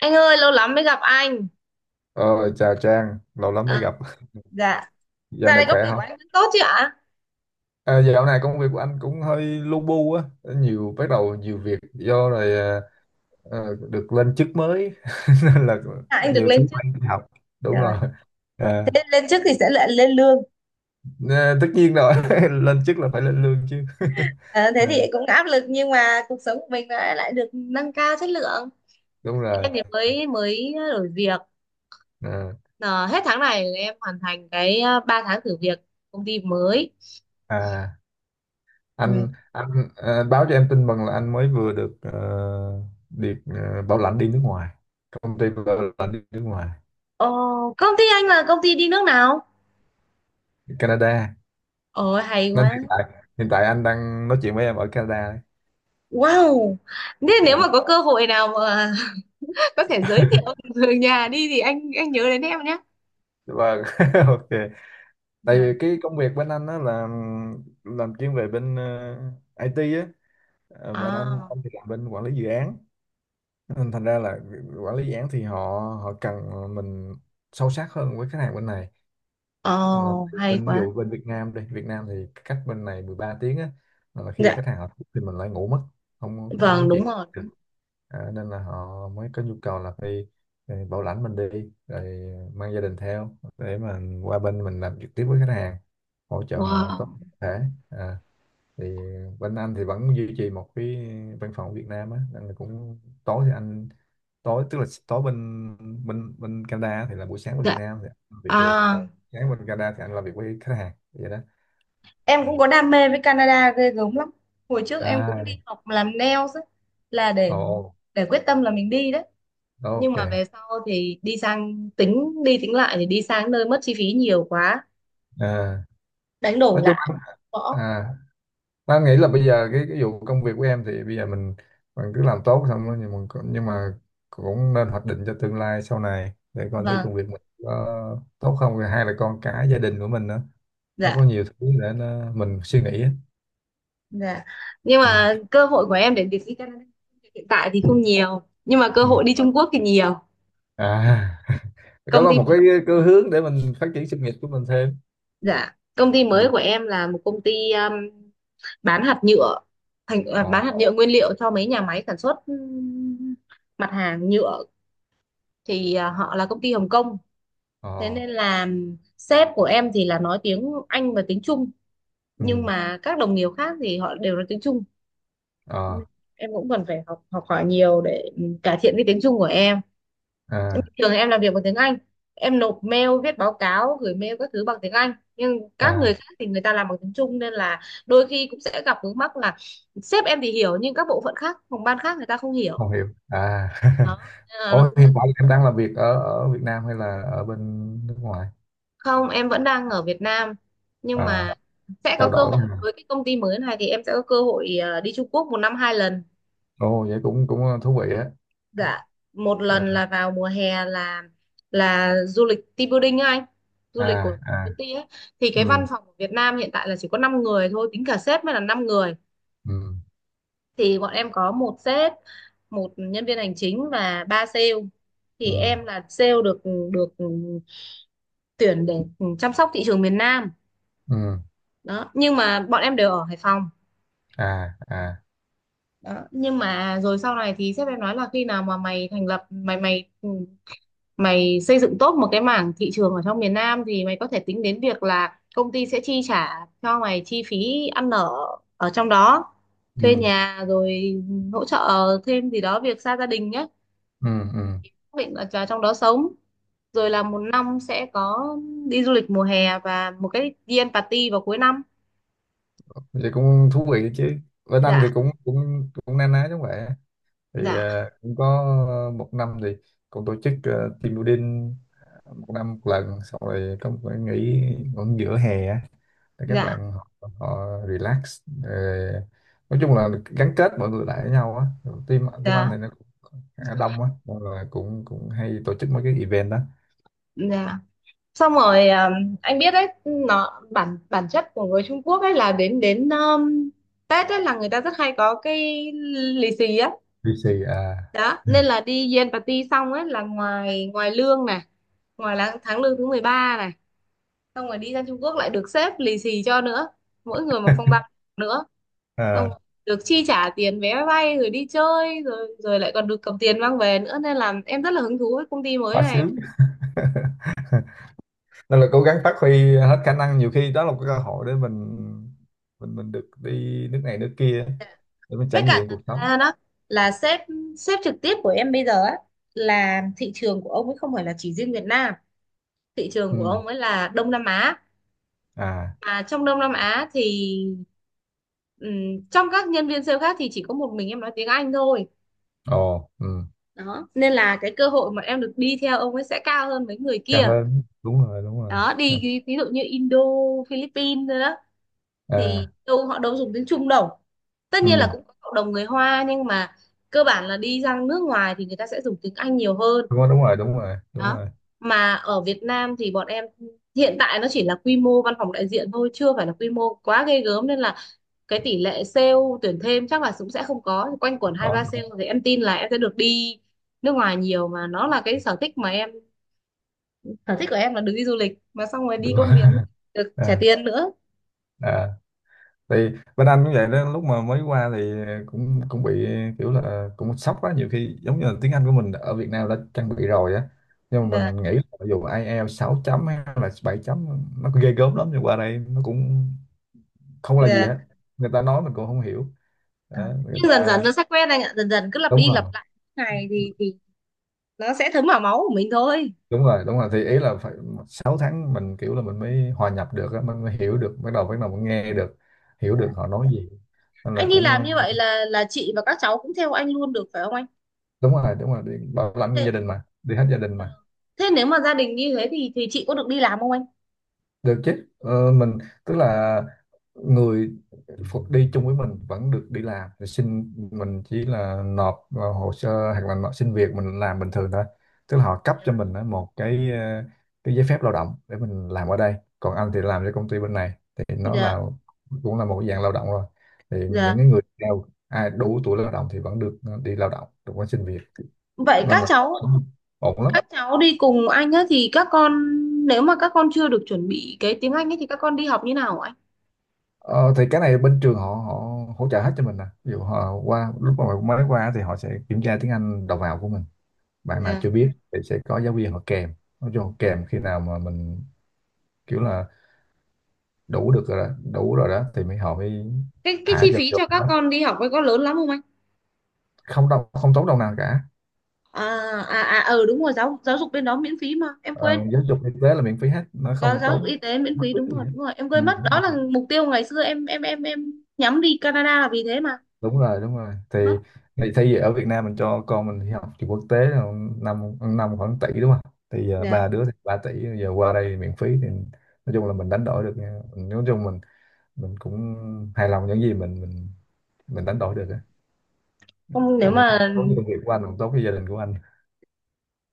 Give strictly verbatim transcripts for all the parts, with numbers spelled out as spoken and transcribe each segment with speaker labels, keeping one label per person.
Speaker 1: Anh ơi, lâu lắm mới gặp anh.
Speaker 2: Ờ, chào Trang, lâu lắm mới
Speaker 1: À,
Speaker 2: gặp.
Speaker 1: dạ.
Speaker 2: Dạo
Speaker 1: Dạo
Speaker 2: này
Speaker 1: này công
Speaker 2: khỏe
Speaker 1: việc của
Speaker 2: không?
Speaker 1: anh vẫn tốt chứ ạ?
Speaker 2: À, dạo này công việc của anh cũng hơi lu bu á, nhiều bắt đầu nhiều việc do rồi, à, ờ, được lên chức mới nên là
Speaker 1: À, anh được
Speaker 2: nhiều thứ
Speaker 1: lên chức.
Speaker 2: phải học. Đúng
Speaker 1: Trời,
Speaker 2: rồi. À,
Speaker 1: lên lên chức thì sẽ lại lên lương.
Speaker 2: nè, tất nhiên rồi, lên chức là phải lên lương chứ.
Speaker 1: À, thế thì
Speaker 2: Ờ,
Speaker 1: cũng áp lực nhưng mà cuộc sống của mình lại lại được nâng cao chất lượng.
Speaker 2: đúng rồi.
Speaker 1: Em thì mới mới đổi việc.
Speaker 2: Ờ,
Speaker 1: Ờ, hết tháng này em hoàn thành cái ờ, ba tháng thử việc công ty mới.
Speaker 2: à,
Speaker 1: Ừ.
Speaker 2: anh anh à, báo cho em tin mừng là anh mới vừa được ờ, được ờ, bảo lãnh đi nước ngoài, công ty bảo lãnh đi nước ngoài,
Speaker 1: Ờ, công ty anh là công ty đi nước nào?
Speaker 2: Canada.
Speaker 1: Ôi hay
Speaker 2: Nên
Speaker 1: quá.
Speaker 2: hiện tại hiện tại anh đang nói chuyện với em ở Canada đấy.
Speaker 1: Wow. Nên
Speaker 2: Ờ,
Speaker 1: nếu mà có cơ hội nào mà có thể giới thiệu người nhà đi thì anh anh nhớ đến em.
Speaker 2: vâng, ok. Tại
Speaker 1: Dạ.
Speaker 2: vì cái công việc bên anh á là làm chuyên về bên ờ, i tê á. Ờ, bên anh
Speaker 1: À,
Speaker 2: anh thì làm bên quản lý dự án, nên thành ra là quản lý dự án thì họ họ cần mình sâu sát hơn với khách hàng bên này. Ờ,
Speaker 1: oh,
Speaker 2: thì
Speaker 1: hay
Speaker 2: bên ví
Speaker 1: quá.
Speaker 2: dụ bên Việt Nam, đi Việt Nam thì cách bên này mười ba tiếng á, là khi
Speaker 1: Dạ,
Speaker 2: khách hàng họ thức thì mình lại ngủ mất, không không có
Speaker 1: vâng,
Speaker 2: nói
Speaker 1: đúng
Speaker 2: chuyện.
Speaker 1: rồi.
Speaker 2: à, nên là họ mới có nhu cầu là phải ờ, bảo lãnh mình đi rồi mang gia đình theo để mà qua bên mình làm trực tiếp với khách hàng, hỗ trợ họ tốt
Speaker 1: Wow.
Speaker 2: nhất có thể. À, thì bên anh thì vẫn duy trì một cái văn phòng ở Việt Nam á, nên là cũng tối thì anh tối tức là tối bên bên bên Canada á, thì là buổi sáng bên Việt
Speaker 1: Dạ.
Speaker 2: Nam thì anh làm việc
Speaker 1: À,
Speaker 2: được. Còn sáng bên Canada thì anh làm việc với khách hàng vậy đó.
Speaker 1: em
Speaker 2: À,
Speaker 1: cũng có đam mê với Canada ghê gớm lắm. Hồi trước em cũng
Speaker 2: à,
Speaker 1: đi học làm nails ấy, là để
Speaker 2: ồ,
Speaker 1: để quyết tâm là mình đi đấy.
Speaker 2: ồ,
Speaker 1: Nhưng
Speaker 2: ok,
Speaker 1: mà về sau thì đi sang, tính đi tính lại thì đi sang nơi mất chi phí nhiều quá,
Speaker 2: à,
Speaker 1: đánh đổi
Speaker 2: nói chung
Speaker 1: lại
Speaker 2: anh,
Speaker 1: bỏ.
Speaker 2: à, Nam nghĩ là bây giờ cái cái vụ công việc của em thì bây giờ mình mình cứ làm tốt, xong rồi nhưng mà nhưng mà cũng nên hoạch định cho tương lai sau này để coi thử công
Speaker 1: Vâng,
Speaker 2: việc mình có tốt không, rồi hai là con cái gia đình của mình nữa, nó có
Speaker 1: dạ,
Speaker 2: nhiều thứ để nó, mình suy nghĩ á.
Speaker 1: dạ. Nhưng
Speaker 2: Ừ.
Speaker 1: mà cơ hội của em để việc đi Canada hiện tại thì không nhiều, nhưng mà cơ
Speaker 2: Ừ.
Speaker 1: hội đi Trung Quốc thì nhiều.
Speaker 2: À, có
Speaker 1: Công
Speaker 2: là một
Speaker 1: ty.
Speaker 2: cái cái hướng để mình phát triển sự nghiệp của mình thêm.
Speaker 1: Dạ, công ty mới
Speaker 2: Ừ.
Speaker 1: của em là một công ty um, bán hạt nhựa, thành à,
Speaker 2: Ờ.
Speaker 1: bán hạt nhựa nguyên liệu cho mấy nhà máy sản xuất um, mặt hàng nhựa, thì à, họ là công ty Hồng Kông. Thế
Speaker 2: Ờ.
Speaker 1: nên là sếp của em thì là nói tiếng Anh và tiếng Trung, nhưng
Speaker 2: Ừ.
Speaker 1: mà các đồng nghiệp khác thì họ đều nói tiếng Trung.
Speaker 2: Ờ.
Speaker 1: Em cũng cần phải học học hỏi nhiều để um, cải thiện cái tiếng Trung của em. Bình
Speaker 2: À.
Speaker 1: thường em làm việc bằng tiếng Anh, em nộp mail, viết báo cáo, gửi mail các thứ bằng tiếng Anh, nhưng các người
Speaker 2: À,
Speaker 1: khác thì người ta làm bằng tiếng Trung nên là đôi khi cũng sẽ gặp vướng mắc là sếp em thì hiểu nhưng các bộ phận khác, phòng ban khác người ta không hiểu.
Speaker 2: không hiểu à.
Speaker 1: Đó nên là nó
Speaker 2: Ủa,
Speaker 1: cũng rất-
Speaker 2: hiện tại em đang làm việc ở ở Việt Nam hay là ở bên nước ngoài?
Speaker 1: Không, em vẫn đang ở Việt Nam, nhưng
Speaker 2: À.
Speaker 1: mà sẽ
Speaker 2: Trao
Speaker 1: có cơ
Speaker 2: đổi
Speaker 1: hội
Speaker 2: ha.
Speaker 1: với cái công ty mới này, thì em sẽ có cơ hội ờ, đi Trung Quốc một năm hai lần.
Speaker 2: Ồ, vậy cũng cũng ờ, thú vị á.
Speaker 1: Dạ, một lần
Speaker 2: À,
Speaker 1: là vào mùa hè, là là du lịch team building á anh, du
Speaker 2: à,
Speaker 1: lịch của
Speaker 2: à,
Speaker 1: công ty ấy. Thì cái
Speaker 2: ừ,
Speaker 1: văn phòng của Việt Nam hiện tại là chỉ có năm người thôi, tính cả sếp mới là năm người.
Speaker 2: ừ,
Speaker 1: Thì bọn em có một sếp, một nhân viên hành chính và ba sale. Thì
Speaker 2: ừ,
Speaker 1: em là sale được được tuyển để chăm sóc thị trường miền Nam.
Speaker 2: ừ,
Speaker 1: Đó, nhưng mà bọn em đều ở Hải Phòng.
Speaker 2: à, à,
Speaker 1: Đó, nhưng mà rồi sau này thì sếp em nói là khi nào mà mày thành lập mày mày mày xây dựng tốt một cái mảng thị trường ở trong miền Nam thì mày có thể tính đến việc là công ty sẽ chi trả cho mày chi phí ăn ở ở trong đó, thuê
Speaker 2: ừ,
Speaker 1: nhà, rồi hỗ trợ thêm gì đó việc xa gia đình nhé,
Speaker 2: ừ, ừ,
Speaker 1: xác định là vào trong đó sống, rồi là một năm sẽ có đi du lịch mùa hè và một cái đi ăn party vào cuối năm.
Speaker 2: vậy cũng thú vị đấy chứ. Bên anh thì
Speaker 1: Dạ,
Speaker 2: cũng cũng cũng na ná giống vậy á. Thì
Speaker 1: dạ,
Speaker 2: à, cũng có một năm thì cũng tổ chức ờ, team building, ờ, một năm một lần, xong rồi có một cái nghỉ cũng giữa hè á, để các
Speaker 1: dạ,
Speaker 2: bạn họ, họ relax, rồi nói chung là gắn kết mọi người lại với nhau á. Rồi team team anh
Speaker 1: dạ,
Speaker 2: thì nó cũng khá đông á, nên là cũng cũng hay tổ chức mấy cái event đó.
Speaker 1: dạ. Xong rồi um, anh biết đấy nó bản bản chất của người Trung Quốc ấy là đến đến um, Tết ấy là người ta rất hay có cái lì xì á.
Speaker 2: vê xê à,
Speaker 1: Đó nên là đi Gen Party xong ấy là ngoài ngoài lương này, ngoài là tháng lương thứ mười ba này, xong rồi đi ra Trung Quốc lại được sếp lì xì cho nữa, mỗi người một phong bao nữa, xong
Speaker 2: à,
Speaker 1: rồi được chi trả tiền vé máy bay rồi đi chơi rồi rồi lại còn được cầm tiền mang về nữa, nên là em rất là hứng thú với công ty mới
Speaker 2: quá
Speaker 1: này.
Speaker 2: sướng. Nên là cố gắng phát huy hết khả năng, nhiều khi đó là một cái cơ hội để mình mình mình được đi nước này nước kia, để mình
Speaker 1: Với
Speaker 2: trải
Speaker 1: cả
Speaker 2: nghiệm
Speaker 1: thật
Speaker 2: cuộc sống.
Speaker 1: ra đó là sếp sếp trực tiếp của em bây giờ á, là thị trường của ông ấy không phải là chỉ riêng Việt Nam, thị trường của
Speaker 2: Ừ.
Speaker 1: ông ấy là Đông Nam Á.
Speaker 2: À.
Speaker 1: Mà trong Đông Nam Á thì ừm, trong các nhân viên sale khác thì chỉ có một mình em nói tiếng Anh thôi.
Speaker 2: Ồ. Ừ.
Speaker 1: Đó nên là cái cơ hội mà em được đi theo ông ấy sẽ cao hơn mấy người
Speaker 2: Cao
Speaker 1: kia.
Speaker 2: hơn, đúng rồi, đúng rồi.
Speaker 1: Đó, đi ví, ví dụ như Indo, Philippines nữa, thì
Speaker 2: À.
Speaker 1: đâu họ đâu dùng tiếng Trung đâu. Tất nhiên là
Speaker 2: Ừ.
Speaker 1: cũng có cộng đồng người Hoa nhưng mà cơ bản là đi ra nước ngoài thì người ta sẽ dùng tiếng Anh nhiều hơn.
Speaker 2: Đúng rồi, đúng rồi, đúng rồi, đúng
Speaker 1: Đó,
Speaker 2: rồi,
Speaker 1: mà ở Việt Nam thì bọn em hiện tại nó chỉ là quy mô văn phòng đại diện thôi, chưa phải là quy mô quá ghê gớm, nên là cái tỷ lệ sale tuyển thêm chắc là cũng sẽ không có, quanh quẩn hai ba
Speaker 2: có.
Speaker 1: sale thì em tin là em sẽ được đi nước ngoài nhiều, mà nó là cái sở thích mà em, sở thích của em là được đi du lịch mà xong rồi
Speaker 2: Đúng
Speaker 1: đi
Speaker 2: rồi.
Speaker 1: công việc được trả
Speaker 2: À,
Speaker 1: tiền nữa.
Speaker 2: à, thì bên anh cũng vậy đó, lúc mà mới qua thì cũng cũng bị kiểu là cũng sốc quá, nhiều khi giống như là tiếng Anh của mình ở Việt Nam đã trang bị rồi á, nhưng mà mình nghĩ là dù ai eo sáu chấm hay là bảy chấm, nó có ghê gớm lắm nhưng qua đây nó cũng không là gì
Speaker 1: Dạ.
Speaker 2: hết, người ta nói mình cũng không hiểu
Speaker 1: À,
Speaker 2: đó, người
Speaker 1: nhưng dần dần
Speaker 2: ta.
Speaker 1: nó sẽ quen anh ạ, dần dần cứ lặp
Speaker 2: Đúng
Speaker 1: đi
Speaker 2: rồi,
Speaker 1: lặp lại ngày thì thì nó sẽ thấm vào máu của mình thôi.
Speaker 2: đúng rồi, đúng rồi, thì ý là phải sáu tháng mình kiểu là mình mới hòa nhập được á, mình mới hiểu được, bắt đầu bắt đầu mình nghe được, hiểu
Speaker 1: Dạ.
Speaker 2: được họ nói gì, nên là
Speaker 1: Anh đi làm
Speaker 2: cũng.
Speaker 1: như vậy là là chị và các cháu cũng theo anh luôn được phải không anh?
Speaker 2: Đúng rồi, đúng rồi, đi bảo lãnh nguyên
Speaker 1: Thế,
Speaker 2: gia đình mà, đi hết gia đình
Speaker 1: ờ,
Speaker 2: mà.
Speaker 1: thế nếu mà gia đình như thế thì thì chị có được đi làm không anh?
Speaker 2: Được chứ, ờ, mình tức là người phụ- đi chung với mình vẫn được đi làm, thì xin mình chỉ là nộp vào hồ sơ hoặc là nộp xin việc, mình làm bình thường thôi. Tức là họ cấp cho mình á, một cái ờ, cái giấy phép lao động để mình làm ở đây. Còn anh thì làm cho công ty bên này thì nó là
Speaker 1: Dạ,
Speaker 2: cũng là một cái dạng lao động rồi. Thì những
Speaker 1: dạ.
Speaker 2: cái người nào, ai đủ tuổi lao động thì vẫn được ờ, đi lao động được, có xin việc.
Speaker 1: Vậy
Speaker 2: Nên
Speaker 1: các
Speaker 2: là
Speaker 1: cháu
Speaker 2: ổn lắm.
Speaker 1: các cháu đi cùng anh á thì các con, nếu mà các con chưa được chuẩn bị cái tiếng Anh ấy thì các con đi học như nào hả anh?
Speaker 2: Ờ, thì cái này bên trường họ họ hỗ trợ hết cho mình nè. Ví dụ họ qua, lúc mà mới qua thì họ sẽ kiểm tra tiếng Anh đầu vào của mình. Bạn nào
Speaker 1: Dạ,
Speaker 2: chưa biết thì sẽ có giáo viên họ kèm. Nó cho họ kèm khi nào mà mình kiểu là đủ được rồi đó, đủ rồi đó, thì mới họ mới
Speaker 1: cái cái chi
Speaker 2: thả vô
Speaker 1: phí
Speaker 2: vô
Speaker 1: cho các
Speaker 2: đó.
Speaker 1: con đi học ấy có lớn lắm không anh?
Speaker 2: Không đâu, không tốn đồng nào cả.
Speaker 1: à, à à ừ đúng rồi, giáo giáo dục bên đó miễn phí mà em
Speaker 2: Ờ,
Speaker 1: quên.
Speaker 2: giáo dục y tế là miễn phí hết, nó
Speaker 1: Giáo,
Speaker 2: không
Speaker 1: giáo dục
Speaker 2: tốn
Speaker 1: y tế miễn
Speaker 2: bất
Speaker 1: phí,
Speaker 2: cứ
Speaker 1: đúng
Speaker 2: gì
Speaker 1: rồi,
Speaker 2: hết.
Speaker 1: đúng rồi. Em
Speaker 2: Ừ.
Speaker 1: quên mất, đó là mục tiêu ngày xưa em em em em nhắm đi Canada là vì thế mà.
Speaker 2: Đúng rồi, đúng rồi, thì
Speaker 1: Mất.
Speaker 2: thì thay vì ở Việt Nam mình cho con mình đi học trường quốc tế là năm năm khoảng tỷ đúng không, thì giờ ba
Speaker 1: Dạ.
Speaker 2: đứa thì ba tỷ, giờ qua đây thì miễn phí, thì nói chung là mình đánh đổi được nha. Mình- nói chung mình mình cũng hài lòng những gì mình mình mình đánh đổi được á.
Speaker 1: Không, nếu
Speaker 2: Anh, nên cũng
Speaker 1: mà
Speaker 2: tốt cho công việc của anh, cũng tốt với gia đình của anh.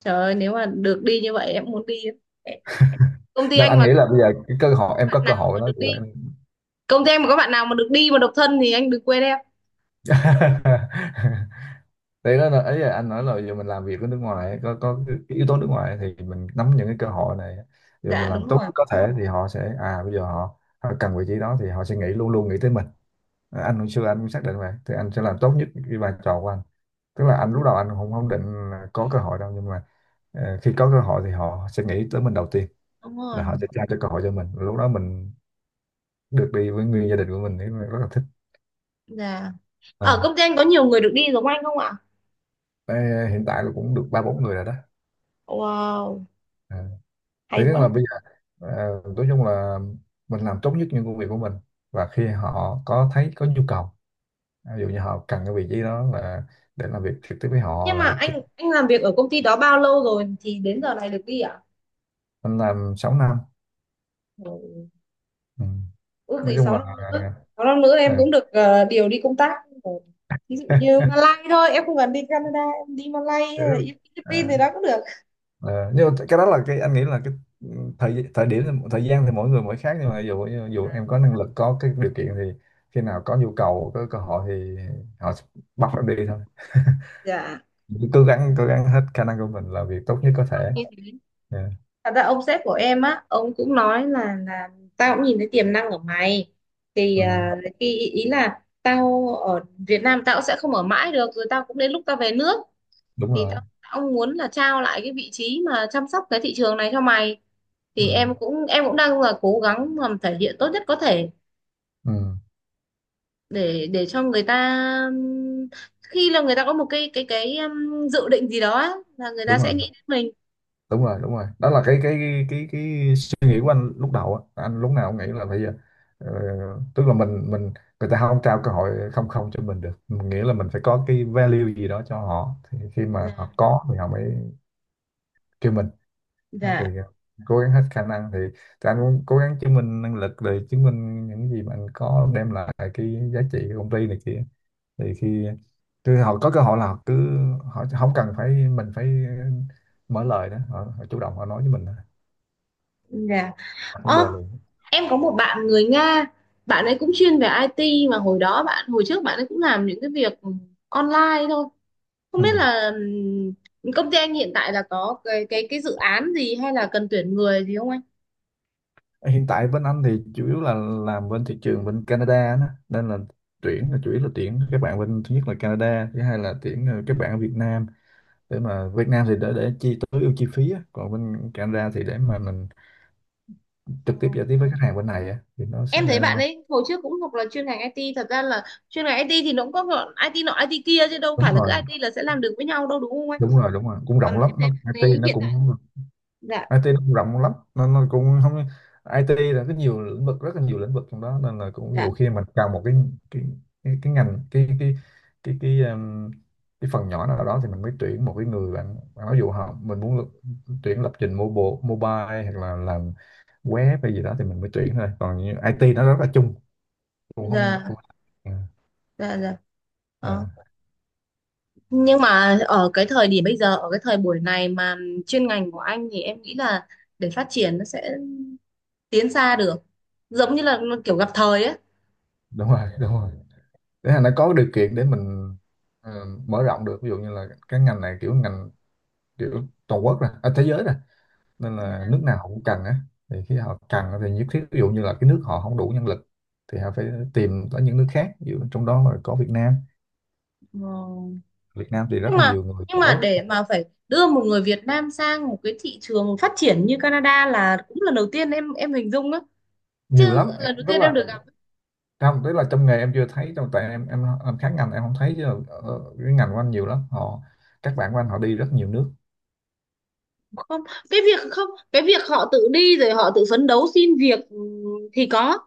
Speaker 1: trời ơi, nếu mà được đi như vậy em muốn đi. lắm. Công ty
Speaker 2: Nên
Speaker 1: anh
Speaker 2: anh
Speaker 1: mà
Speaker 2: nghĩ
Speaker 1: có
Speaker 2: là bây giờ cái cơ hội, em
Speaker 1: bạn
Speaker 2: có cơ
Speaker 1: nào
Speaker 2: hội
Speaker 1: mà
Speaker 2: đó.
Speaker 1: được đi, công ty anh mà có bạn nào mà được đi mà độc thân thì anh đừng quên em.
Speaker 2: Đấy, đó là ấy, là anh nói là giờ mình làm việc ở nước ngoài ấy, có có cái yếu tố nước ngoài ấy, thì mình nắm những cái cơ hội này, rồi mình
Speaker 1: Dạ đúng
Speaker 2: làm tốt
Speaker 1: rồi.
Speaker 2: nhất có thể thì họ sẽ, à bây giờ họ, họ cần vị trí đó thì họ sẽ nghĩ, luôn luôn nghĩ tới mình. À, anh hồi xưa anh cũng xác định vậy, thì anh sẽ làm tốt nhất cái vai trò của anh. Tức là anh lúc đầu anh không không định là có cơ hội đâu, nhưng mà ờ, khi có cơ hội thì họ sẽ nghĩ tới mình đầu tiên,
Speaker 1: Đúng rồi,
Speaker 2: là họ
Speaker 1: đúng
Speaker 2: sẽ
Speaker 1: rồi.
Speaker 2: trao cho cơ hội cho mình, lúc đó mình được đi với nguyên gia đình của mình thì mình rất là thích.
Speaker 1: Dạ. Ở
Speaker 2: À.
Speaker 1: công ty anh có nhiều người được đi giống anh không ạ?
Speaker 2: Ê, hiện tại là cũng được ba bốn người rồi đó.
Speaker 1: Wow,
Speaker 2: À, thế
Speaker 1: hay
Speaker 2: tức là
Speaker 1: quá.
Speaker 2: bây giờ ờ, nói chung là mình làm tốt nhất những công việc của mình, và khi họ có thấy có nhu cầu, ví dụ như họ cần cái vị trí đó là để làm việc trực tiếp với họ,
Speaker 1: Nhưng
Speaker 2: là
Speaker 1: mà
Speaker 2: việc trực.
Speaker 1: anh anh làm việc ở công ty đó bao lâu rồi thì đến giờ này được đi ạ?
Speaker 2: Mình làm sáu năm.
Speaker 1: Ừ.
Speaker 2: Ừ.
Speaker 1: Ước
Speaker 2: Nói
Speaker 1: gì
Speaker 2: chung
Speaker 1: sáu
Speaker 2: là,
Speaker 1: năm nữa sáu năm nữa
Speaker 2: ờ,
Speaker 1: em cũng được ờ, điều đi công tác, ví dụ như Malay thôi em không cần đi Canada, em đi Malay
Speaker 2: thế-
Speaker 1: hay là đi
Speaker 2: Ờ,
Speaker 1: Philippines thì đó cũng được.
Speaker 2: ờ, nhưng mà cái đó là cái anh nghĩ là cái, ừ, thời thời điểm, thời gian thì mỗi người mỗi khác, nhưng mà ví dụ ví dụ
Speaker 1: Dạ,
Speaker 2: em có năng lực, có cái điều kiện thì khi nào có nhu cầu, có cơ hội thì họ bắt em đi thôi.
Speaker 1: dạ. Ừ,
Speaker 2: Cứ cố gắng cố gắng hết khả năng của mình, làm việc tốt
Speaker 1: em
Speaker 2: nhất có
Speaker 1: cũng mong
Speaker 2: thể.
Speaker 1: như thế.
Speaker 2: Dạ,
Speaker 1: Thật ra ông sếp của em á, ông cũng nói là là tao cũng nhìn thấy tiềm năng ở mày, thì
Speaker 2: ừ,
Speaker 1: à, khi ý ý là tao ở Việt Nam tao cũng sẽ không ở mãi được, rồi tao cũng đến lúc tao về nước,
Speaker 2: đúng
Speaker 1: thì
Speaker 2: rồi,
Speaker 1: tao, tao muốn là trao lại cái vị trí mà chăm sóc cái thị trường này cho mày, thì
Speaker 2: ừ,
Speaker 1: em cũng em cũng đang là cố gắng làm thể hiện tốt nhất có thể
Speaker 2: ừ,
Speaker 1: để để cho người ta ừm, khi là người ta có một cái cái cái ừm, dự định gì đó á, là người ta
Speaker 2: đúng
Speaker 1: sẽ
Speaker 2: rồi,
Speaker 1: nghĩ đến mình.
Speaker 2: đúng rồi, đúng rồi, đó là cái cái cái cái suy nghĩ của anh lúc đầu á, anh lúc nào cũng nghĩ là bây giờ ờ, tức là mình mình, người ta không trao cơ hội, không không cho mình được, mình nghĩ là mình phải có cái value gì đó cho họ, thì khi mà họ
Speaker 1: Dạ.
Speaker 2: có thì họ mới kêu mình. Đó, thì
Speaker 1: Dạ,
Speaker 2: ờ, cố gắng hết khả năng thì, thì anh cũng cố gắng chứng minh năng lực rồi chứng minh những gì mà anh có, đem lại cái giá trị của công ty này kia, thì khi thì họ có cơ hội là họ cứ, họ không cần phải mình phải mở lời đó, họ, họ chủ động họ nói với mình,
Speaker 1: dạ.
Speaker 2: đặt vấn đề
Speaker 1: Ơ,
Speaker 2: liền.
Speaker 1: em có một bạn người Nga, bạn ấy cũng chuyên về i tê mà hồi đó bạn, hồi trước bạn ấy cũng làm những cái việc online thôi. Không
Speaker 2: Ừ.
Speaker 1: biết là ừm, công ty anh hiện tại là có cái cái cái dự án gì hay là cần tuyển người gì không anh?
Speaker 2: Hiện tại bên anh thì chủ yếu là làm bên thị trường bên Canada đó, nên là tuyển là chủ yếu là tuyển các bạn bên, thứ nhất là Canada, thứ hai là tuyển ờ, các bạn ở Việt Nam. Để mà Việt Nam thì để để chi tối ưu chi phí á. Còn bên Canada thì để mà mình trực tiếp giao tiếp với khách hàng bên này á, thì nó sẽ,
Speaker 1: Em thấy bạn
Speaker 2: ờ,
Speaker 1: ấy hồi trước cũng học là chuyên ngành i tê, thật ra là chuyên ngành IT thì nó cũng có gọi i tê nọ IT kia chứ đâu phải
Speaker 2: đúng
Speaker 1: là cứ
Speaker 2: rồi,
Speaker 1: i tê là sẽ làm được với nhau đâu đúng không anh?
Speaker 2: đúng rồi, đúng rồi, cũng rộng
Speaker 1: Còn
Speaker 2: lắm
Speaker 1: em
Speaker 2: nó.
Speaker 1: thấy bạn
Speaker 2: i tê
Speaker 1: ấy
Speaker 2: nó
Speaker 1: hiện tại.
Speaker 2: cũng,
Speaker 1: Dạ,
Speaker 2: ai ti nó cũng rộng lắm, nên nó cũng không, ai ti là cái nhiều lĩnh vực, rất là nhiều lĩnh vực trong đó, nên là cũng
Speaker 1: dạ,
Speaker 2: nhiều khi mình cần một cái cái cái, cái ngành, cái cái cái cái um, cái phần nhỏ nào đó, thì mình mới tuyển một cái người. Bạn Bạn ví dụ họ, mình muốn lập- tuyển lập trình mobile mobile hoặc là làm web hay gì đó thì mình mới tuyển thôi, còn như ai ti nó rất là chung, cũng không
Speaker 1: dạ,
Speaker 2: cũng. Ừ,
Speaker 1: dạ, dạ.
Speaker 2: ờ,
Speaker 1: Đó. Nhưng mà ở cái thời điểm bây giờ, ở cái thời buổi này mà chuyên ngành của anh thì em nghĩ là để phát triển nó sẽ tiến xa được, giống như là kiểu gặp thời ấy.
Speaker 2: đúng rồi, đúng rồi, để là nó có điều kiện để mình ờ, mở rộng được, ví dụ như là cái ngành này, kiểu ngành kiểu toàn quốc ra, à, thế giới ra, nên là
Speaker 1: Dạ.
Speaker 2: nước nào họ cũng cần á. Thì khi họ cần thì nhất thiết, ví dụ như là cái nước họ không đủ nhân lực thì họ phải tìm tới những nước khác, ví dụ trong đó là có Việt Nam.
Speaker 1: Ờ.
Speaker 2: Việt Nam thì rất
Speaker 1: nhưng
Speaker 2: là
Speaker 1: mà
Speaker 2: nhiều người
Speaker 1: nhưng mà
Speaker 2: giỏi,
Speaker 1: để mà phải đưa một người Việt Nam sang một cái thị trường phát triển như Canada là cũng lần đầu tiên em em hình dung đó,
Speaker 2: nhiều
Speaker 1: chứ
Speaker 2: lắm em
Speaker 1: lần đầu
Speaker 2: rất
Speaker 1: tiên em
Speaker 2: là,
Speaker 1: được gặp.
Speaker 2: trong, tức là trong nghề em chưa thấy, trong tại em em em khác ngành, em không thấy, chứ ở cái ngành của anh nhiều lắm họ, các bạn của anh họ đi rất nhiều nước.
Speaker 1: Không, cái việc không, cái việc họ tự đi rồi họ tự phấn đấu xin việc ừ, thì có,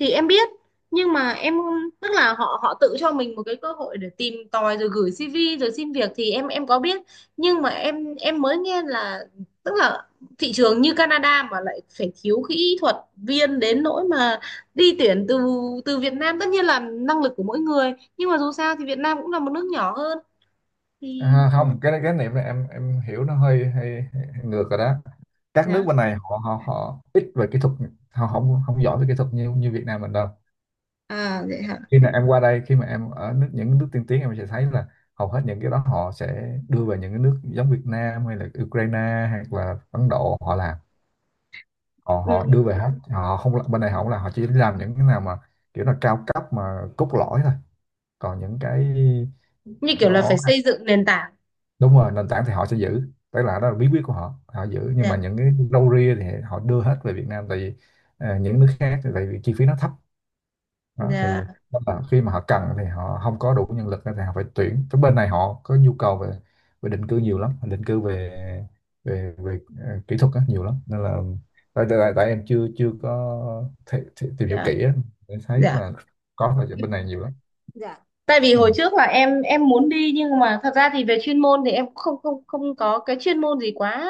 Speaker 1: thì em biết, nhưng mà em, tức là họ họ tự cho mình một cái cơ hội để tìm tòi rồi gửi xi vi rồi xin việc thì em em có biết. Nhưng mà em em mới nghe là, tức là thị trường như Canada mà lại phải thiếu kỹ thuật viên đến nỗi mà đi tuyển từ từ Việt Nam, tất nhiên là năng lực của mỗi người nhưng mà dù sao thì Việt Nam cũng là một nước nhỏ hơn
Speaker 2: À.
Speaker 1: thì.
Speaker 2: Ừ. Không, cái cái niệm này em em hiểu nó hơi, hơi, hơi ngược rồi đó. Các nước
Speaker 1: Dạ.
Speaker 2: bên này họ họ họ ít về kỹ thuật, họ không không giỏi về kỹ thuật như như Việt Nam mình đâu.
Speaker 1: À vậy hả.
Speaker 2: Khi mà em qua đây, khi mà em ở nước, những nước tiên tiến em sẽ thấy là hầu hết những cái đó họ sẽ đưa về những cái nước giống Việt Nam hay là Ukraine hoặc là Ấn Độ họ làm. Họ Họ đưa
Speaker 1: Ừ.
Speaker 2: về hết, họ không là- bên này họ không là, họ chỉ làm những cái nào mà kiểu là cao cấp mà cốt lõi thôi, còn những cái
Speaker 1: Như kiểu là phải
Speaker 2: đó.
Speaker 1: xây dựng nền tảng.
Speaker 2: Đúng rồi, nền tảng thì họ sẽ giữ, tức là đó là bí quyết của họ, họ giữ. Nhưng
Speaker 1: Dạ,
Speaker 2: mà những cái râu ria thì họ đưa hết về Việt Nam, tại vì ờ, những nước khác thì tại vì chi phí nó thấp. Đó, thì
Speaker 1: dạ,
Speaker 2: đó là khi mà họ cần thì họ không có đủ nhân lực thì họ phải tuyển, cái bên này họ có nhu cầu về, về định cư nhiều lắm, định cư về, về về ờ, kỹ thuật á, nhiều lắm, nên là tại, tại, tại em chưa chưa có thể, thể, tìm hiểu
Speaker 1: dạ,
Speaker 2: kỹ á, để thấy
Speaker 1: dạ,
Speaker 2: là, có là bên này nhiều lắm.
Speaker 1: dạ. Tại vì
Speaker 2: Ừ.
Speaker 1: hồi trước là em em muốn đi nhưng mà thật ra thì về chuyên môn thì em cũng không không không có cái chuyên môn gì quá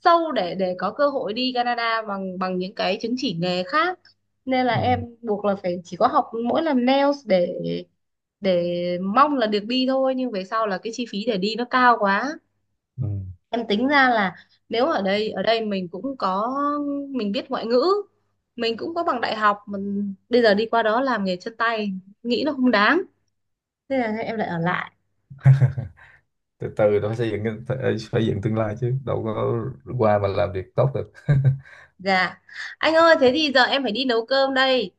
Speaker 1: sâu để để có cơ hội đi Canada bằng bằng những cái chứng chỉ nghề khác, nên là em
Speaker 2: Ừ.
Speaker 1: buộc là phải chỉ có học mỗi làm nails để để mong là được đi thôi, nhưng về sau là cái chi phí để đi nó cao quá.
Speaker 2: Ừ.
Speaker 1: Em tính ra là nếu ở đây ở đây mình cũng có, mình biết ngoại ngữ, mình cũng có bằng đại học, mình bây giờ đi qua đó làm nghề chân tay nghĩ nó không đáng. Thế là em lại ở lại.
Speaker 2: Từ từ nó phải xây dựng cái- phải, phải dựng tương lai chứ đâu có qua mà làm việc tốt được.
Speaker 1: Dạ. Anh ơi, thế thì giờ em phải đi nấu cơm đây.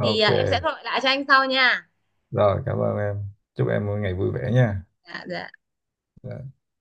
Speaker 1: Thì à, em sẽ gọi lại cho anh sau nha.
Speaker 2: rồi cảm ơn em, chúc em một ngày vui vẻ nha.
Speaker 1: Dạ, dạ.